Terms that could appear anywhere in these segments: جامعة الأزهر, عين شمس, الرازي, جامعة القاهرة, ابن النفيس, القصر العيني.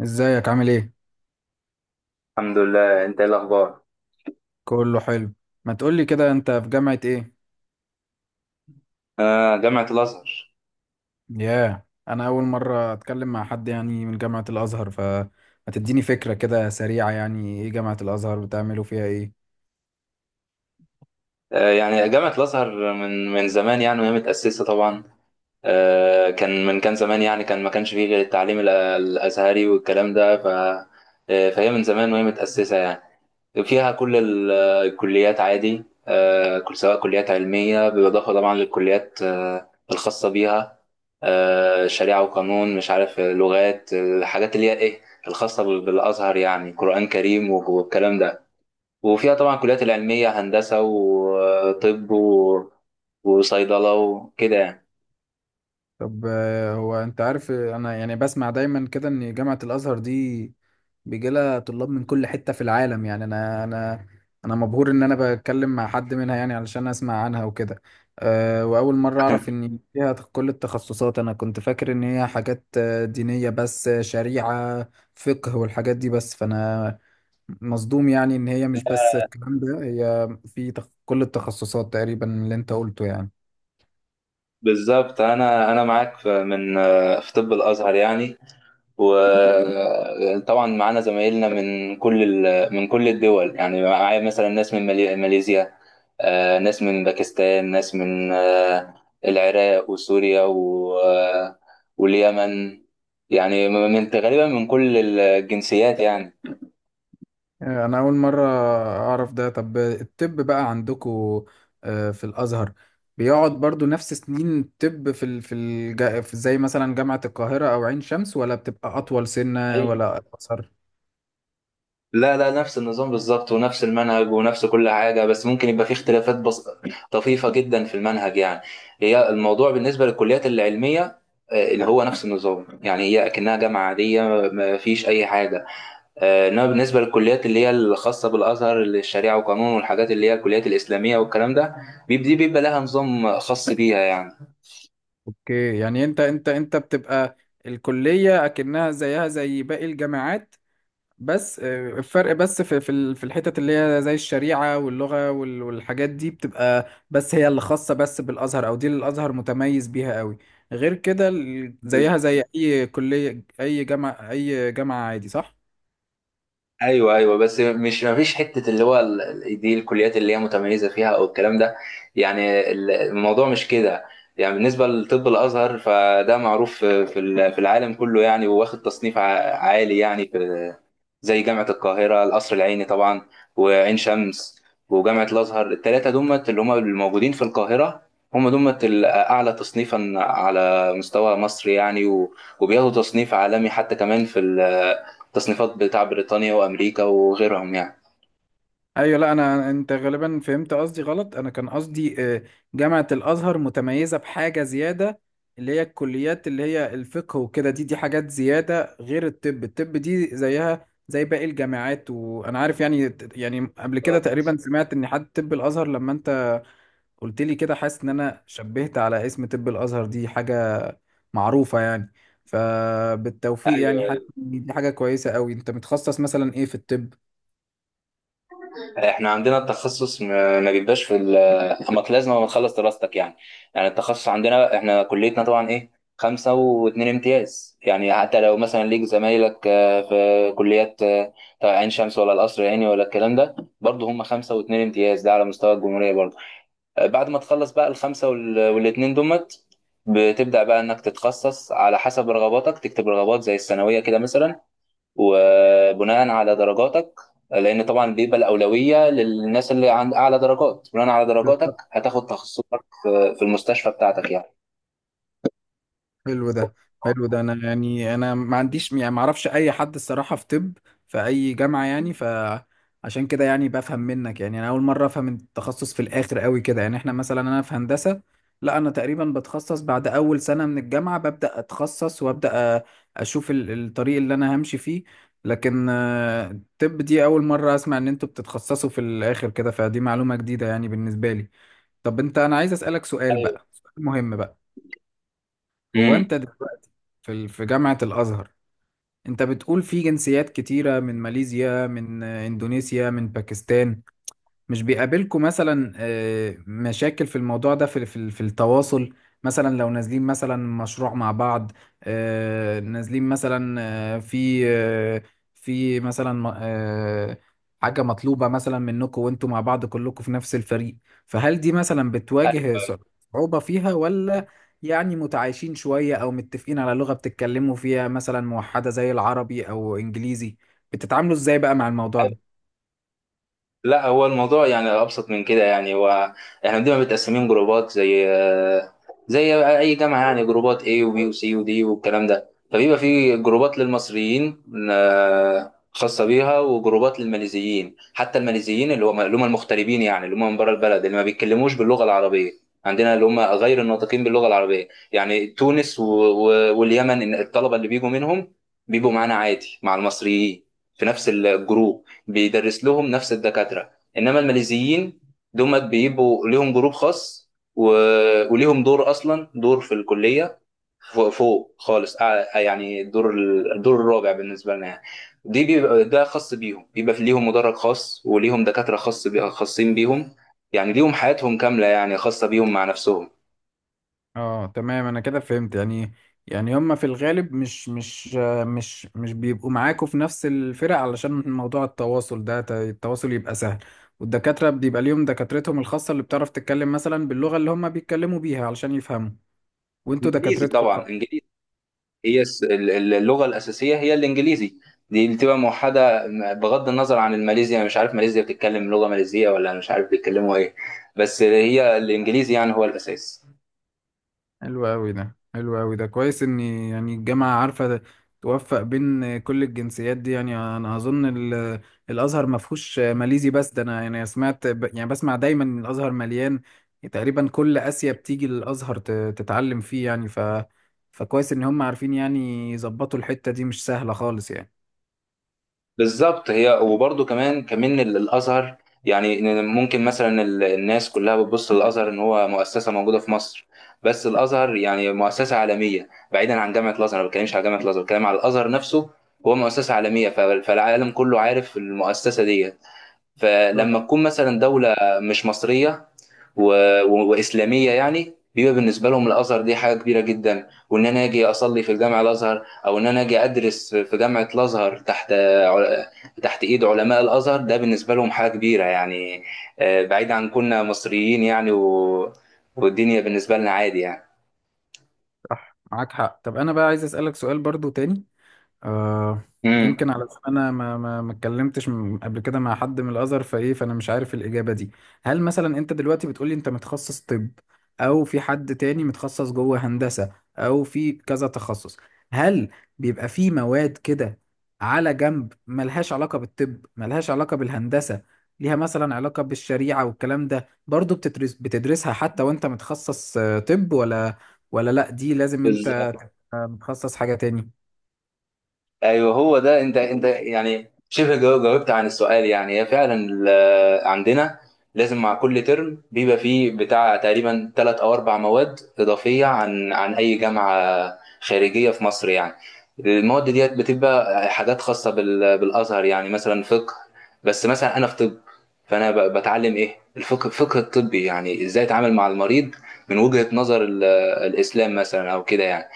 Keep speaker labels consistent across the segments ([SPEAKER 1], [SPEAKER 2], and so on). [SPEAKER 1] ازيك، عامل ايه؟
[SPEAKER 2] الحمد لله. انت ايه الاخبار؟
[SPEAKER 1] كله حلو. ما تقولي كده، انت في جامعة ايه؟
[SPEAKER 2] آه، جامعة الازهر.
[SPEAKER 1] ياه، انا اول مرة اتكلم مع حد يعني من جامعة الازهر، فما تديني فكرة كده سريعة، يعني ايه جامعة الازهر؟ بتعملوا فيها ايه؟
[SPEAKER 2] آه، يعني جامعة الازهر من زمان يعني، وهي متأسسة طبعا. كان كان زمان يعني، كان ما كانش فيه غير التعليم الازهري والكلام ده. ف آه فهي من زمان وهي متأسسة يعني. فيها كل الكليات عادي، كل سواء كليات علمية، بالإضافة طبعا للكليات الخاصة بيها، شريعة وقانون، مش عارف لغات، الحاجات اللي هي ايه الخاصة بالازهر، يعني قرآن كريم والكلام ده. وفيها طبعا كليات العلمية، هندسة وطب وصيدلة وكده يعني.
[SPEAKER 1] طب هو انت عارف، انا يعني بسمع دايما كده ان جامعة الازهر دي بيجي لها طلاب من كل حتة في العالم. يعني انا انا مبهور ان انا بتكلم مع حد منها، يعني علشان اسمع عنها وكده. أه، واول مرة اعرف ان فيها كل التخصصات. انا كنت فاكر ان هي حاجات دينية بس، شريعة، فقه والحاجات دي بس. فانا مصدوم يعني ان هي مش بس الكلام ده، هي في كل التخصصات تقريبا اللي انت قلته يعني.
[SPEAKER 2] بالظبط، أنا معاك في في طب الأزهر يعني. وطبعا معانا زمايلنا من من كل الدول يعني. معايا مثلا ناس من ماليزيا، ناس من باكستان، ناس من العراق وسوريا و... آه، واليمن يعني، من غالبا من كل الجنسيات يعني.
[SPEAKER 1] انا اول مره اعرف ده. طب الطب بقى عندكو في الازهر، بيقعد برضو نفس سنين الطب في في زي مثلا جامعه القاهره او عين شمس، ولا بتبقى اطول سنه ولا اقصر؟
[SPEAKER 2] لا لا، نفس النظام بالظبط، ونفس المنهج ونفس كل حاجة، بس ممكن يبقى فيه اختلافات طفيفة جدا في المنهج يعني. هي الموضوع بالنسبة للكليات العلمية، اللي هو نفس النظام يعني، هي أكنها جامعة عادية، ما فيش أي حاجة. إنما بالنسبة للكليات اللي هي الخاصة بالأزهر، اللي الشريعة وقانون والحاجات اللي هي الكليات الإسلامية والكلام ده، دي بيبقى لها نظام خاص بيها يعني.
[SPEAKER 1] اوكي، يعني انت بتبقى الكليه اكنها زيها زي باقي الجامعات، بس الفرق بس في في الحتت اللي هي زي الشريعة واللغة وال- والحاجات دي، بتبقى بس هي اللي خاصة بس بالأزهر، أو دي اللي الأزهر متميز بيها قوي. غير كده زيها زي أي كلية، أي جامعة عادي، صح؟
[SPEAKER 2] ايوه ايوه، بس مش، ما فيش حته اللي هو دي الكليات اللي هي متميزه فيها او الكلام ده يعني. الموضوع مش كده يعني. بالنسبه لطب الازهر، فده معروف في في العالم كله يعني، وواخد تصنيف عالي يعني، في زي جامعة القاهرة القصر العيني طبعا وعين شمس وجامعة الأزهر، التلاتة دمت اللي هم الموجودين في القاهرة، هم دمت الأعلى تصنيفا على مستوى مصر يعني. وبياخدوا تصنيف عالمي حتى كمان في التصنيفات بتاع بريطانيا وأمريكا وغيرهم يعني.
[SPEAKER 1] ايوه، لا انا انت غالبا فهمت قصدي غلط. انا كان قصدي جامعة الازهر متميزة بحاجة زيادة اللي هي الكليات اللي هي الفقه وكده، دي حاجات زيادة. غير الطب، الطب دي زيها زي باقي الجامعات، وانا عارف يعني. يعني قبل كده
[SPEAKER 2] طب.
[SPEAKER 1] تقريبا سمعت ان حد طب الازهر، لما انت قلت لي كده حاسس ان انا شبهت على اسم طب الازهر، دي حاجة معروفة يعني. فبالتوفيق يعني،
[SPEAKER 2] ايوه،
[SPEAKER 1] حتى دي حاجة كويسة قوي. انت متخصص مثلا ايه في الطب؟
[SPEAKER 2] احنا عندنا التخصص، ما بيبقاش في ال- اما لازم تخلص دراستك يعني. يعني التخصص عندنا، احنا كليتنا طبعا ايه، خمسة واتنين امتياز يعني. حتى لو مثلا ليك زمايلك في كليات، طبعا عين شمس ولا القصر العيني ولا الكلام ده، برضه هم خمسة واتنين امتياز، ده على مستوى الجمهورية برضه. بعد ما تخلص بقى الخمسة والاتنين دمت، بتبدأ بقى انك تتخصص على حسب رغباتك، تكتب رغبات زي الثانوية كده مثلا، وبناء على درجاتك، لان طبعا بيبقى الاولويه للناس اللي عند اعلى درجات. بناء على درجاتك هتاخد تخصصك في المستشفى بتاعتك يعني.
[SPEAKER 1] حلو ده حلو ده. انا يعني انا ما عنديش يعني، ما اعرفش اي حد الصراحه في طب في اي جامعه يعني، فعشان كده يعني بفهم منك يعني. انا اول مره افهم التخصص في الاخر قوي كده. يعني احنا مثلا انا في هندسه، لا انا تقريبا بتخصص بعد اول سنه من الجامعه، ببدا اتخصص وابدا اشوف الطريق اللي انا همشي فيه. لكن الطب دي اول مره اسمع ان انتوا بتتخصصوا في الاخر كده، فدي معلومه جديده يعني بالنسبه لي. طب انت، انا عايز اسالك سؤال
[SPEAKER 2] ايوه.
[SPEAKER 1] بقى، سؤال مهم بقى. هو
[SPEAKER 2] امم
[SPEAKER 1] انت في في جامعة الأزهر، أنت بتقول في جنسيات كتيرة، من ماليزيا، من إندونيسيا، من باكستان، مش بيقابلكم مثلا مشاكل في الموضوع ده، في في التواصل؟ مثلا لو نازلين مثلا مشروع مع بعض، نازلين مثلا، آه، في آه، في مثلا آه، حاجة مطلوبة مثلا منكم وانتوا مع بعض كلكم في نفس الفريق، فهل دي مثلا بتواجه
[SPEAKER 2] ايوه.
[SPEAKER 1] صعوبة فيها، ولا يعني متعايشين شوية، او متفقين على لغة بتتكلموا فيها مثلا موحدة زي العربي او انجليزي؟ بتتعاملوا ازاي بقى مع الموضوع ده؟
[SPEAKER 2] لا، هو الموضوع يعني ابسط من كده يعني. هو احنا بنبقى متقسمين جروبات، زي اي جامعه يعني، جروبات A وبي وسي ودي والكلام ده. فبيبقى في جروبات للمصريين خاصه بيها، وجروبات للماليزيين. حتى الماليزيين اللي هم، المغتربين يعني، اللي هم من بره البلد، اللي ما بيتكلموش باللغه العربيه، عندنا اللي هم غير الناطقين باللغه العربيه يعني، تونس واليمن، إن الطلبه اللي بيجوا منهم بيبقوا معانا عادي مع المصريين في نفس الجروب، بيدرس لهم نفس الدكاترة. انما الماليزيين دول بيبقوا ليهم جروب خاص، و... وليهم دور اصلا، دور في الكلية فوق، فوق خالص. يعني الدور الدور الرابع بالنسبة لنا يعني. دي بيبقى ده خاص بيهم، بيبقى في ليهم مدرج خاص، وليهم دكاترة خاصين بيهم يعني. ليهم حياتهم كاملة يعني، خاصة بيهم مع نفسهم.
[SPEAKER 1] اه تمام، انا كده فهمت يعني. يعني هما في الغالب مش مش آه، مش مش بيبقوا معاكوا في نفس الفرق علشان موضوع التواصل ده، التواصل يبقى سهل. والدكاترة بيبقى ليهم دكاترتهم الخاصة اللي بتعرف تتكلم مثلا باللغة اللي هما بيتكلموا بيها علشان يفهموا، وانتوا
[SPEAKER 2] انجليزي
[SPEAKER 1] دكاترتكم.
[SPEAKER 2] طبعا، انجليزي. هي اللغة الأساسية هي الإنجليزي، دي اللي بتبقى موحدة، بغض النظر عن الماليزيا. أنا مش عارف ماليزيا بتتكلم لغة ماليزية، ولا أنا مش عارف بيتكلموا إيه، بس هي الإنجليزي يعني هو الأساس.
[SPEAKER 1] حلو أوي ده، كويس إن يعني الجامعة عارفة توفق بين كل الجنسيات دي. يعني أنا أظن ال- الأزهر ما فيهوش ماليزي بس ده، أنا يعني يعني بسمع دايما إن الأزهر مليان تقريبا. كل آسيا بتيجي للأزهر تتعلم فيه يعني. ف فكويس إن هم عارفين يعني يظبطوا الحتة دي، مش سهلة خالص يعني.
[SPEAKER 2] بالظبط. هي وبرضه كمان كمان الأزهر يعني، إن ممكن مثلا الناس كلها بتبص للأزهر إن هو مؤسسة موجودة في مصر. بس الأزهر يعني مؤسسة عالمية، بعيدا عن جامعة الأزهر. أنا ما بتكلمش على جامعة الأزهر، بتكلم على الأزهر نفسه. هو مؤسسة عالمية، فالعالم كله عارف المؤسسة دي.
[SPEAKER 1] بالظبط.
[SPEAKER 2] فلما تكون مثلا دولة مش مصرية و... وإسلامية يعني، بيبقى بالنسبة لهم الأزهر دي حاجة كبيرة جدا، وإن أنا أجي أصلي في جامع الأزهر، أو إن أنا أجي أدرس في جامعة الأزهر تحت عل- تحت إيد علماء الأزهر، ده بالنسبة لهم حاجة كبيرة يعني. بعيد عن كنا مصريين يعني والدنيا بالنسبة لنا عادي يعني.
[SPEAKER 1] صح، معاك حق. طب أنا بقى عايز أسألك سؤال برضو تاني، آه، يمكن على انا ما اتكلمتش قبل كده مع حد من الازهر فايه، فانا مش عارف الاجابه دي. هل مثلا انت دلوقتي بتقولي انت متخصص طب، او في حد تاني متخصص جوه هندسه، او في كذا تخصص، هل بيبقى في مواد كده على جنب ملهاش علاقه بالطب، ملهاش علاقه بالهندسه، ليها مثلا علاقه بالشريعه والكلام ده، برضو بتدرسها حتى وانت متخصص طب؟ ولا، ولا لا دي لازم
[SPEAKER 2] امم
[SPEAKER 1] انت متخصص حاجه تاني؟
[SPEAKER 2] ايوه، هو ده. انت يعني شبه جاوبت عن السؤال يعني. هي فعلا عندنا لازم مع كل ترم بيبقى فيه بتاع تقريبا ثلاث او اربع مواد اضافيه عن اي جامعه خارجيه في مصر يعني. المواد ديت بتبقى حاجات خاصه بالازهر، يعني مثلا فقه. بس مثلا انا في طب، فانا بتعلم ايه، الفقه الفقه الطبي، يعني ازاي اتعامل مع المريض من وجهه نظر الاسلام مثلا او كده يعني.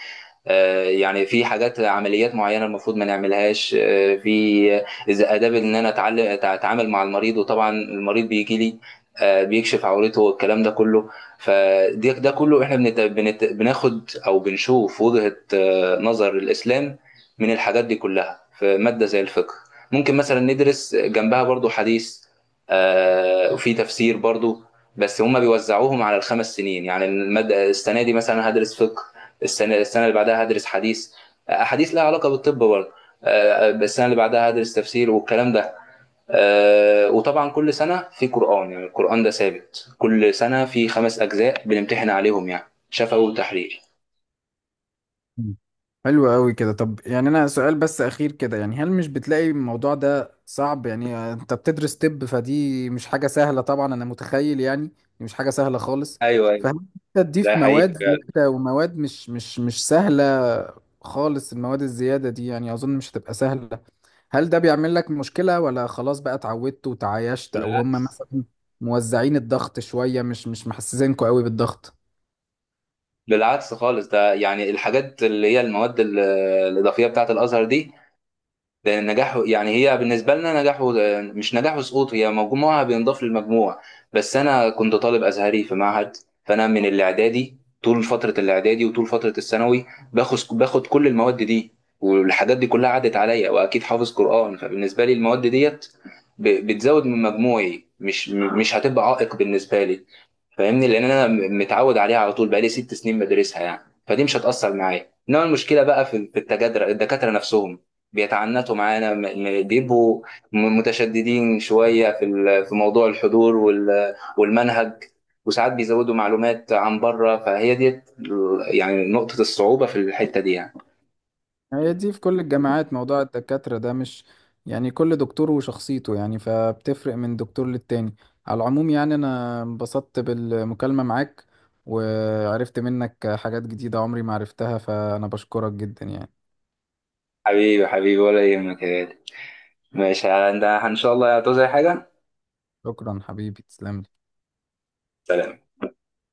[SPEAKER 2] يعني في حاجات، عمليات معينه المفروض ما نعملهاش، آه، في اذا اداب ان انا اتعلم اتعامل مع المريض. وطبعا المريض بيجي لي بيكشف عورته والكلام ده كله، فده ده كله احنا بناخد او بنشوف وجهه نظر الاسلام من الحاجات دي كلها، في ماده زي الفقه. ممكن مثلا ندرس جنبها برضو حديث، وفي تفسير برضو. بس هما بيوزعوهم على الخمس سنين. يعني المادة، السنة دي مثلا هدرس فقه، السنه اللي بعدها هدرس حديث، احاديث لها علاقه بالطب برضه. السنه اللي بعدها هدرس تفسير والكلام ده. وطبعا كل سنه في قران يعني. القران ده ثابت كل سنه، في خمس اجزاء بنمتحن عليهم يعني، شفوي وتحرير.
[SPEAKER 1] مم. حلو قوي كده. طب يعني انا سؤال بس اخير كده يعني، هل مش بتلاقي الموضوع ده صعب؟ يعني انت بتدرس طب فدي مش حاجة سهلة طبعا، انا متخيل يعني دي مش حاجة سهلة خالص،
[SPEAKER 2] ايوه ايوه،
[SPEAKER 1] فهل انت
[SPEAKER 2] ده
[SPEAKER 1] تضيف
[SPEAKER 2] حقيقي
[SPEAKER 1] مواد
[SPEAKER 2] فعلا.
[SPEAKER 1] زيادة، ومواد مش سهلة خالص، المواد الزيادة دي يعني اظن مش هتبقى سهلة، هل ده بيعمل لك مشكلة، ولا خلاص بقى اتعودت وتعايشت، او هم
[SPEAKER 2] بالعكس،
[SPEAKER 1] مثلا موزعين الضغط شوية مش محسسينكوا قوي بالضغط؟
[SPEAKER 2] بالعكس خالص. ده يعني الحاجات اللي هي المواد الاضافيه بتاعه الازهر دي، لان نجاحه يعني، هي بالنسبه لنا نجاحه مش نجاح وسقوط، هي مجموعها بينضاف للمجموع. بس انا كنت طالب ازهري في معهد، فانا من الاعدادي، طول فتره الاعدادي وطول فتره الثانوي باخد كل المواد دي، والحاجات دي كلها عدت عليا، واكيد حافظ قران. فبالنسبه لي المواد ديت بتزود من مجموعي، مش هتبقى عائق بالنسبه لي، فاهمني، لان انا متعود عليها على طول، بقالي ست سنين بدرسها يعني. فدي مش هتاثر معايا. انما المشكله بقى في التجادر، الدكاتره نفسهم بيتعنتوا معانا، م- بيبقوا متشددين شويه في موضوع الحضور والمنهج، وساعات بيزودوا معلومات عن بره. فهي دي يعني نقطه الصعوبه في الحته دي يعني.
[SPEAKER 1] يعني هي دي في كل الجامعات موضوع الدكاترة ده، مش يعني كل دكتور وشخصيته يعني، فبتفرق من دكتور للتاني. على العموم يعني، أنا انبسطت بالمكالمة معاك، وعرفت منك حاجات جديدة عمري ما عرفتها، فأنا بشكرك جدا يعني.
[SPEAKER 2] حبيبي حبيبي، ولا يهمك يا غالي. ماشي انت، ان شاء الله هتعوز اي حاجه.
[SPEAKER 1] شكرا حبيبي، تسلم لي.
[SPEAKER 2] سلام.